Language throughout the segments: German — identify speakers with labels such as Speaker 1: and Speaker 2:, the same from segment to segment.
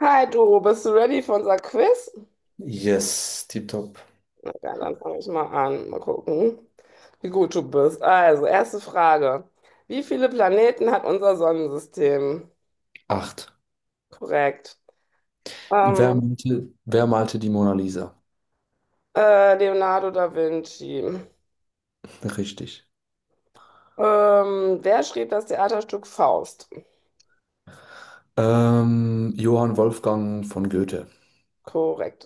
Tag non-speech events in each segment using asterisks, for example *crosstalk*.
Speaker 1: Hi Doro, bist du ready für unser Quiz?
Speaker 2: Yes, tipptopp.
Speaker 1: Na geil, dann fange ich mal an. Mal gucken, wie gut du bist. Also, erste Frage. Wie viele Planeten hat unser Sonnensystem?
Speaker 2: Acht.
Speaker 1: Korrekt.
Speaker 2: Wer
Speaker 1: Ähm,
Speaker 2: malte, wer malte die Mona Lisa?
Speaker 1: Leonardo da Vinci.
Speaker 2: Richtig.
Speaker 1: Wer schrieb das Theaterstück Faust?
Speaker 2: Johann Wolfgang von Goethe.
Speaker 1: Korrekt.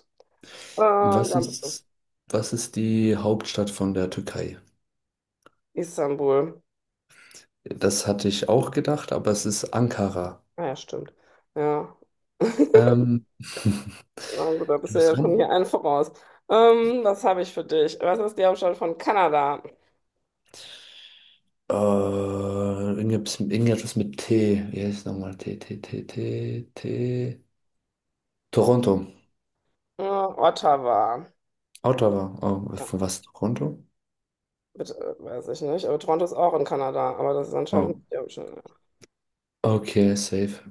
Speaker 1: Äh,
Speaker 2: Was
Speaker 1: dann bist du.
Speaker 2: ist, was ist die Hauptstadt von der Türkei?
Speaker 1: Istanbul.
Speaker 2: Das hatte ich auch gedacht, aber es ist Ankara.
Speaker 1: Ah ja, stimmt. Ja. *laughs*
Speaker 2: Ähm, *laughs*
Speaker 1: Na gut, da
Speaker 2: Du
Speaker 1: bist du
Speaker 2: bist
Speaker 1: ja schon
Speaker 2: dran?
Speaker 1: hier einen voraus. Was habe ich für dich? Was ist die Hauptstadt von Kanada?
Speaker 2: Irgendetwas mit T. Wie heißt es nochmal? T, T, T, T, T. Toronto.
Speaker 1: Ja, Ottawa.
Speaker 2: Ottawa. Oh, von was? Toronto?
Speaker 1: Bitte, weiß ich nicht. Aber Toronto ist auch in Kanada, aber das ist anscheinend
Speaker 2: Oh,
Speaker 1: nicht der Ocean.
Speaker 2: okay, safe.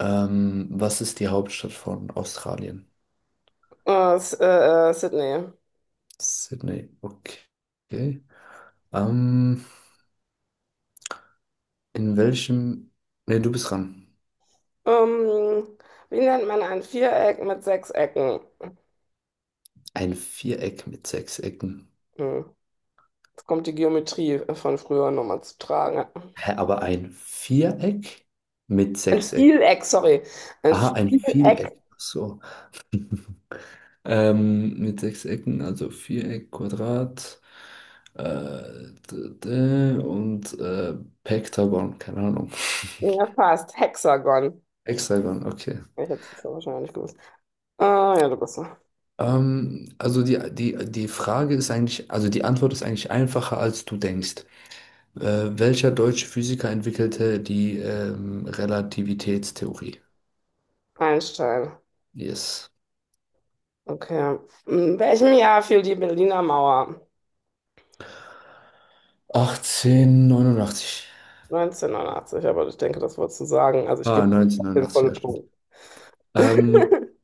Speaker 2: Was ist die Hauptstadt von Australien?
Speaker 1: Sydney.
Speaker 2: Sydney. Okay. Ähm, in welchem... Ne, du bist dran.
Speaker 1: Ähm, wie nennt man ein Viereck mit sechs Ecken?
Speaker 2: Ein Viereck mit sechs Ecken.
Speaker 1: Hm. Jetzt kommt die Geometrie von früher nochmal zu tragen.
Speaker 2: Hä, aber ein Viereck mit
Speaker 1: Ein
Speaker 2: sechs Ecken.
Speaker 1: Vieleck, sorry. Ein
Speaker 2: Aha, ein
Speaker 1: Vieleck,
Speaker 2: Vieleck. Ach so. Mit sechs Ecken, also Viereck, Quadrat, und Pektagon, keine Ahnung.
Speaker 1: ja fast. Hexagon.
Speaker 2: Hexagon, okay.
Speaker 1: Ich hätte es jetzt wahrscheinlich gewusst. Ah, ja, du bist so.
Speaker 2: Also die Frage ist eigentlich, also die Antwort ist eigentlich einfacher, als du denkst. Welcher deutsche Physiker entwickelte die Relativitätstheorie?
Speaker 1: Einstein.
Speaker 2: Yes.
Speaker 1: Okay. In welchem Jahr fiel die Berliner Mauer?
Speaker 2: 1889.
Speaker 1: 1989, aber ich denke, das wolltest du sagen. Also ich
Speaker 2: Ah,
Speaker 1: gebe den
Speaker 2: 1989,
Speaker 1: vollen
Speaker 2: ja, stimmt.
Speaker 1: Punkt.
Speaker 2: Ähm,
Speaker 1: *laughs*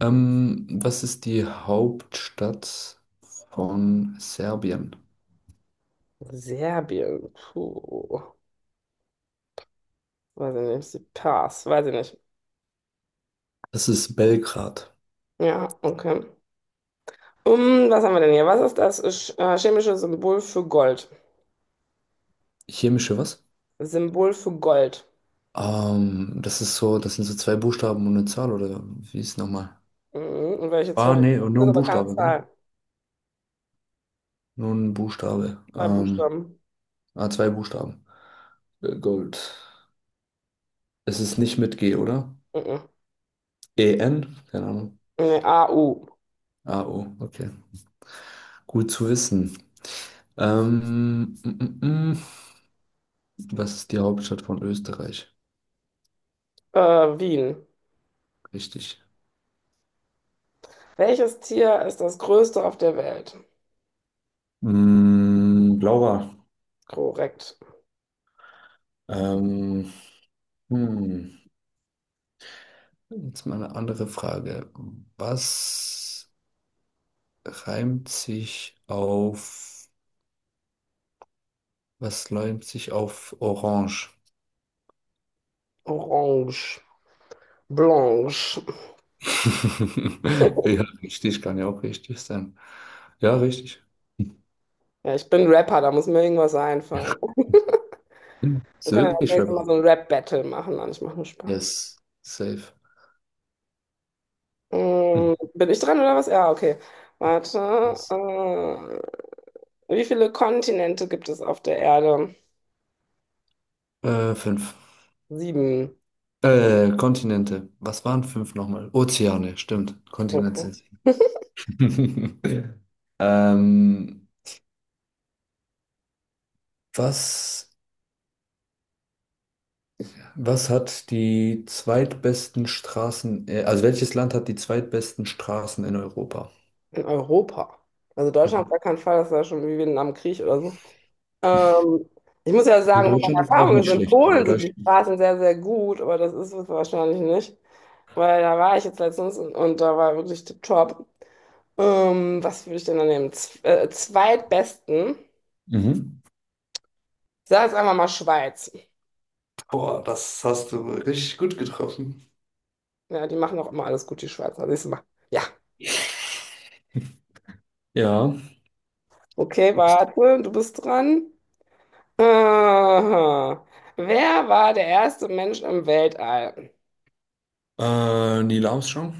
Speaker 2: Was ist die Hauptstadt von Serbien?
Speaker 1: Serbien, puh, weiß ich nicht, sie Pass, weiß ich nicht.
Speaker 2: Das ist Belgrad.
Speaker 1: Ja, okay. Um, was haben wir denn hier? Was ist das chemische Symbol für Gold?
Speaker 2: Chemische was?
Speaker 1: Symbol für Gold.
Speaker 2: Das ist so, das sind so zwei Buchstaben und eine Zahl, oder wie ist es nochmal?
Speaker 1: Mhm. Und welche zwei
Speaker 2: Ah, nee,
Speaker 1: Buchstaben
Speaker 2: und nur
Speaker 1: sind
Speaker 2: ein
Speaker 1: aber keine
Speaker 2: Buchstabe, gell?
Speaker 1: Zahl?
Speaker 2: Nur ein Buchstabe.
Speaker 1: Zwei Buchstaben.
Speaker 2: Zwei Buchstaben. Gold. Es ist nicht mit G, oder?
Speaker 1: Mhm.
Speaker 2: E-N? Keine Ahnung.
Speaker 1: Nee, AU.
Speaker 2: A-O, okay. Gut zu wissen. Mm, mm, mm. Was ist die Hauptstadt von Österreich?
Speaker 1: Wien.
Speaker 2: Richtig.
Speaker 1: Welches Tier ist das größte auf der Welt?
Speaker 2: Mm, Laura.
Speaker 1: Korrekt.
Speaker 2: Ähm, hm. Jetzt mal eine andere Frage. Was reimt sich auf, was läumt sich auf Orange?
Speaker 1: Orange. Blanche.
Speaker 2: *laughs* Ja, richtig, kann ja auch richtig sein. Ja, richtig.
Speaker 1: Ja, ich bin Rapper, da muss mir irgendwas einfallen. Oh,
Speaker 2: Ist
Speaker 1: wir können ja das
Speaker 2: wirklich
Speaker 1: nächste Mal
Speaker 2: Rapper.
Speaker 1: so ein Rap-Battle machen. Nein, ich mache nur Spaß.
Speaker 2: Yes, safe.
Speaker 1: Mm, bin ich dran oder was? Ja, okay. Warte.
Speaker 2: Yes.
Speaker 1: Äh, wie viele Kontinente gibt es auf der Erde?
Speaker 2: Fünf.
Speaker 1: Sieben.
Speaker 2: Kontinente. Was waren fünf nochmal? Ozeane, stimmt. Kontinente sind
Speaker 1: *laughs*
Speaker 2: sie. *laughs* Ähm, was, was hat die zweitbesten Straßen, also welches Land hat die zweitbesten Straßen in Europa?
Speaker 1: Okay. In Europa. Also Deutschland auf
Speaker 2: Mhm.
Speaker 1: gar keinen Fall, das war schon wie Vietnam am Krieg oder so. Ähm, ich muss ja
Speaker 2: Und
Speaker 1: sagen, von
Speaker 2: Deutschland
Speaker 1: meiner
Speaker 2: ist auch
Speaker 1: Erfahrung ist,
Speaker 2: nicht
Speaker 1: in
Speaker 2: schlecht, aber
Speaker 1: Polen sind die
Speaker 2: Deutschland ist.
Speaker 1: Straßen sehr, sehr gut, aber das ist es wahrscheinlich nicht. Weil da war ich jetzt letztens und da war wirklich tipptopp. Was würde ich denn da nehmen? Z Zweitbesten.
Speaker 2: Mhm.
Speaker 1: Ich sage jetzt einfach mal Schweiz.
Speaker 2: Boah, das hast du richtig gut getroffen.
Speaker 1: Ja, die machen auch immer alles gut, die Schweizer. Siehst du mal. Ja.
Speaker 2: *laughs* Ja.
Speaker 1: Okay, warte, du bist dran. Aha. Wer war der erste Mensch im Weltall?
Speaker 2: Neil Armstrong?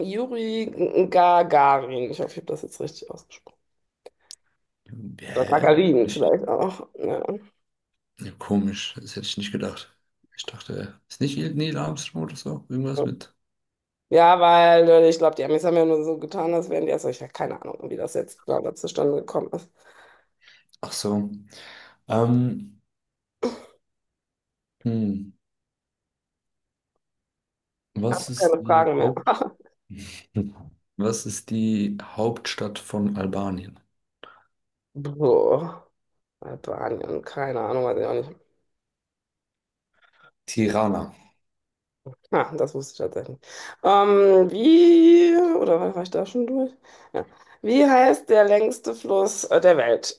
Speaker 1: Gagarin. Ich hoffe, ich habe das jetzt richtig ausgesprochen. Oder
Speaker 2: Hä?
Speaker 1: Gagarin
Speaker 2: Nicht.
Speaker 1: vielleicht auch. Ja,
Speaker 2: Ja, komisch, das hätte ich nicht gedacht. Ich dachte, ist nicht Neil Armstrong oder so? Irgendwas mit.
Speaker 1: ja weil ich glaube, die Amis haben ja nur so getan, als wären die erst. Ich habe keine Ahnung, wie das jetzt da zustande gekommen ist.
Speaker 2: Ach so. Ähm, hm. Was ist
Speaker 1: Keine
Speaker 2: die
Speaker 1: Fragen mehr.
Speaker 2: Haupt... *laughs* Was ist die Hauptstadt von Albanien?
Speaker 1: *laughs* Boah. Albanien, keine Ahnung, weiß ich auch nicht.
Speaker 2: Tirana.
Speaker 1: Ah, das wusste ich tatsächlich. Wie, oder war ich da schon durch? Ja. Wie heißt der längste Fluss der Welt?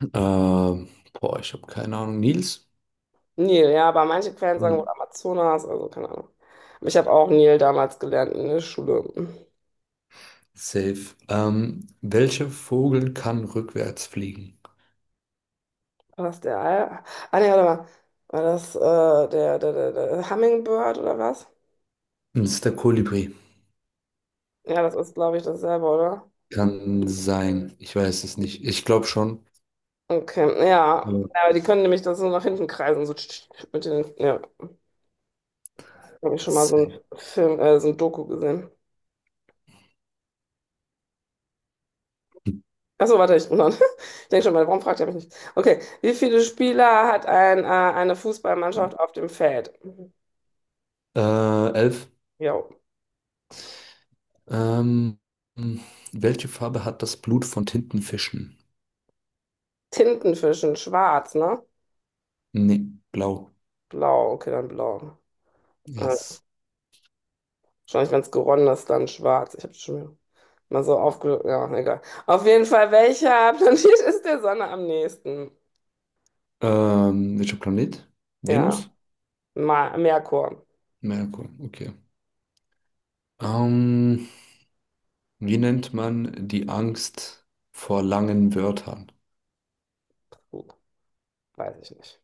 Speaker 2: Ähm, Boah, ich habe keine Ahnung. Nils?
Speaker 1: Nil, ja, aber manche Quellen sagen wohl
Speaker 2: Nil.
Speaker 1: Amazonas, also keine Ahnung. Aber ich habe auch Nil damals gelernt in der Schule.
Speaker 2: Safe. Welcher Vogel kann rückwärts fliegen?
Speaker 1: War das der Al? Ah, nee, warte mal. War das der Hummingbird oder was?
Speaker 2: Das ist der Kolibri.
Speaker 1: Ja, das ist, glaube ich, dasselbe, oder?
Speaker 2: Kann sein. Ich weiß es nicht. Ich glaube schon.
Speaker 1: Okay, ja.
Speaker 2: Aber
Speaker 1: Ja, aber die können nämlich das so nach hinten kreisen, so tsch, tsch, tsch, mit den, ja. Habe ich schon mal so
Speaker 2: sein.
Speaker 1: einen Film, so ein Doku gesehen. Achso, warte, ich, *laughs* ich denke schon mal, warum fragt ihr mich nicht? Okay, wie viele Spieler hat eine Fußballmannschaft auf dem Feld?
Speaker 2: Äh, Elf.
Speaker 1: Jo.
Speaker 2: Ähm, Welche Farbe hat das Blut von Tintenfischen?
Speaker 1: Tintenfischen, schwarz, ne?
Speaker 2: Nee, blau.
Speaker 1: Blau, okay, dann blau. Äh,
Speaker 2: Yes.
Speaker 1: wahrscheinlich, wenn es geronnen ist, dann schwarz. Ich habe schon mal so aufge... Ja, egal. Auf jeden Fall, welcher *laughs* Planet ist der Sonne am nächsten?
Speaker 2: Welcher Planet?
Speaker 1: Ja,
Speaker 2: Venus?
Speaker 1: Ma Merkur.
Speaker 2: Merkur, okay. Ähm, Wie nennt man die Angst vor langen Wörtern?
Speaker 1: Gut, weiß ich nicht.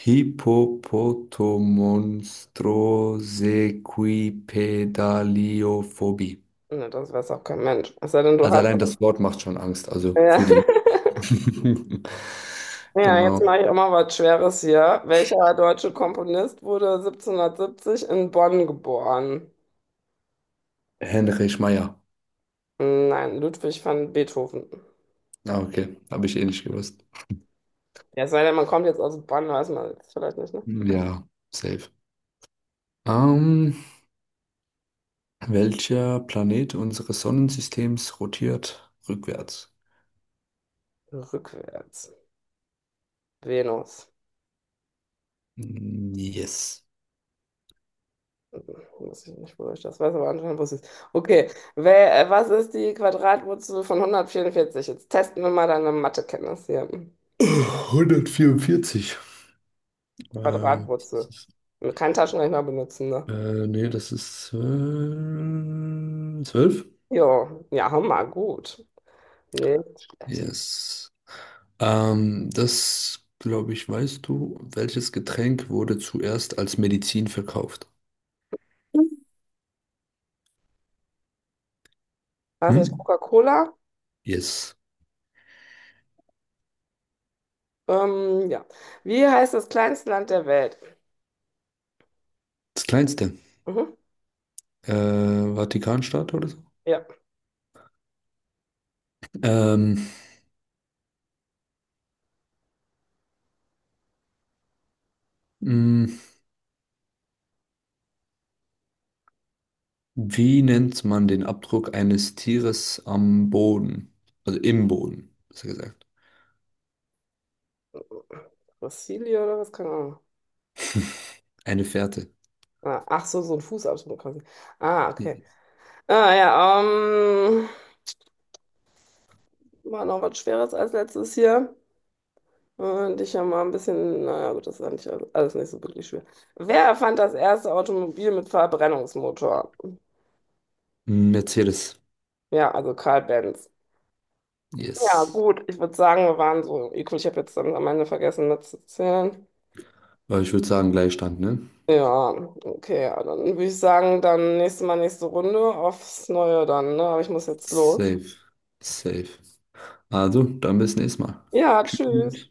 Speaker 2: Hippopotomonstrosequipedaliophobie.
Speaker 1: Ne, das weiß auch kein Mensch. Es sei denn, du
Speaker 2: Also
Speaker 1: hast...
Speaker 2: allein das Wort macht schon Angst, also
Speaker 1: Ja.
Speaker 2: für die
Speaker 1: *laughs*
Speaker 2: Leute. *laughs*
Speaker 1: Ja, jetzt
Speaker 2: Genau.
Speaker 1: mache ich auch mal was Schweres hier. Welcher deutsche Komponist wurde 1770 in Bonn geboren?
Speaker 2: Heinrich Meier.
Speaker 1: Nein, Ludwig van Beethoven.
Speaker 2: Ah, okay. Habe ich eh nicht gewusst.
Speaker 1: Ja, es sei denn, man kommt jetzt aus Bonn, weiß man jetzt vielleicht nicht, ne?
Speaker 2: Ja, safe. Ähm, Welcher Planet unseres Sonnensystems rotiert rückwärts?
Speaker 1: Rückwärts. Venus.
Speaker 2: Mm, yes.
Speaker 1: Hm, weiß ich nicht, wo ich das weiß, aber anscheinend wusste ich es. Okay, Wer, was ist die Quadratwurzel von 144? Jetzt testen wir mal deine Mathekenntnis hier.
Speaker 2: 144. Ähm,
Speaker 1: Quadratwurzel. Kein Taschenrechner benutzen, ne?
Speaker 2: Nee, das ist 12.
Speaker 1: Jo, ja, hammer, gut. Nicht schlecht.
Speaker 2: Yes. Das, glaube ich, weißt du, welches Getränk wurde zuerst als Medizin verkauft?
Speaker 1: War es
Speaker 2: Hm?
Speaker 1: nicht Coca-Cola?
Speaker 2: Yes.
Speaker 1: Ja. Wie heißt das kleinste Land der Welt?
Speaker 2: Das kleinste.
Speaker 1: Mhm.
Speaker 2: Vatikanstaat oder so?
Speaker 1: Ja.
Speaker 2: Ähm, mh, Wie nennt man den Abdruck eines Tieres am Boden? Also im Boden, besser gesagt.
Speaker 1: Brasilien oder was? Keine Ahnung.
Speaker 2: Eine Fährte.
Speaker 1: Ah, ach so, so ein Fußabdruck quasi. Ah, okay.
Speaker 2: Nee.
Speaker 1: Ah, ja, war noch was Schweres als letztes hier. Und ich habe mal ein bisschen, naja, gut, das ist eigentlich alles nicht so wirklich schwer. Wer erfand das erste Automobil mit Verbrennungsmotor?
Speaker 2: Mercedes.
Speaker 1: Ja, also Karl Benz. Ja,
Speaker 2: Yes.
Speaker 1: gut, ich würde sagen, wir waren so equal. Ich habe jetzt dann am Ende vergessen mitzuzählen.
Speaker 2: Aber ich würde sagen, Gleichstand, ne?
Speaker 1: Ja, okay, ja, dann würde ich sagen, dann nächstes Mal nächste Runde aufs Neue dann, ne? Aber ich muss jetzt los.
Speaker 2: Safe. Safe. Also, dann bis nächstes Mal.
Speaker 1: Ja, tschüss.
Speaker 2: Tschüss.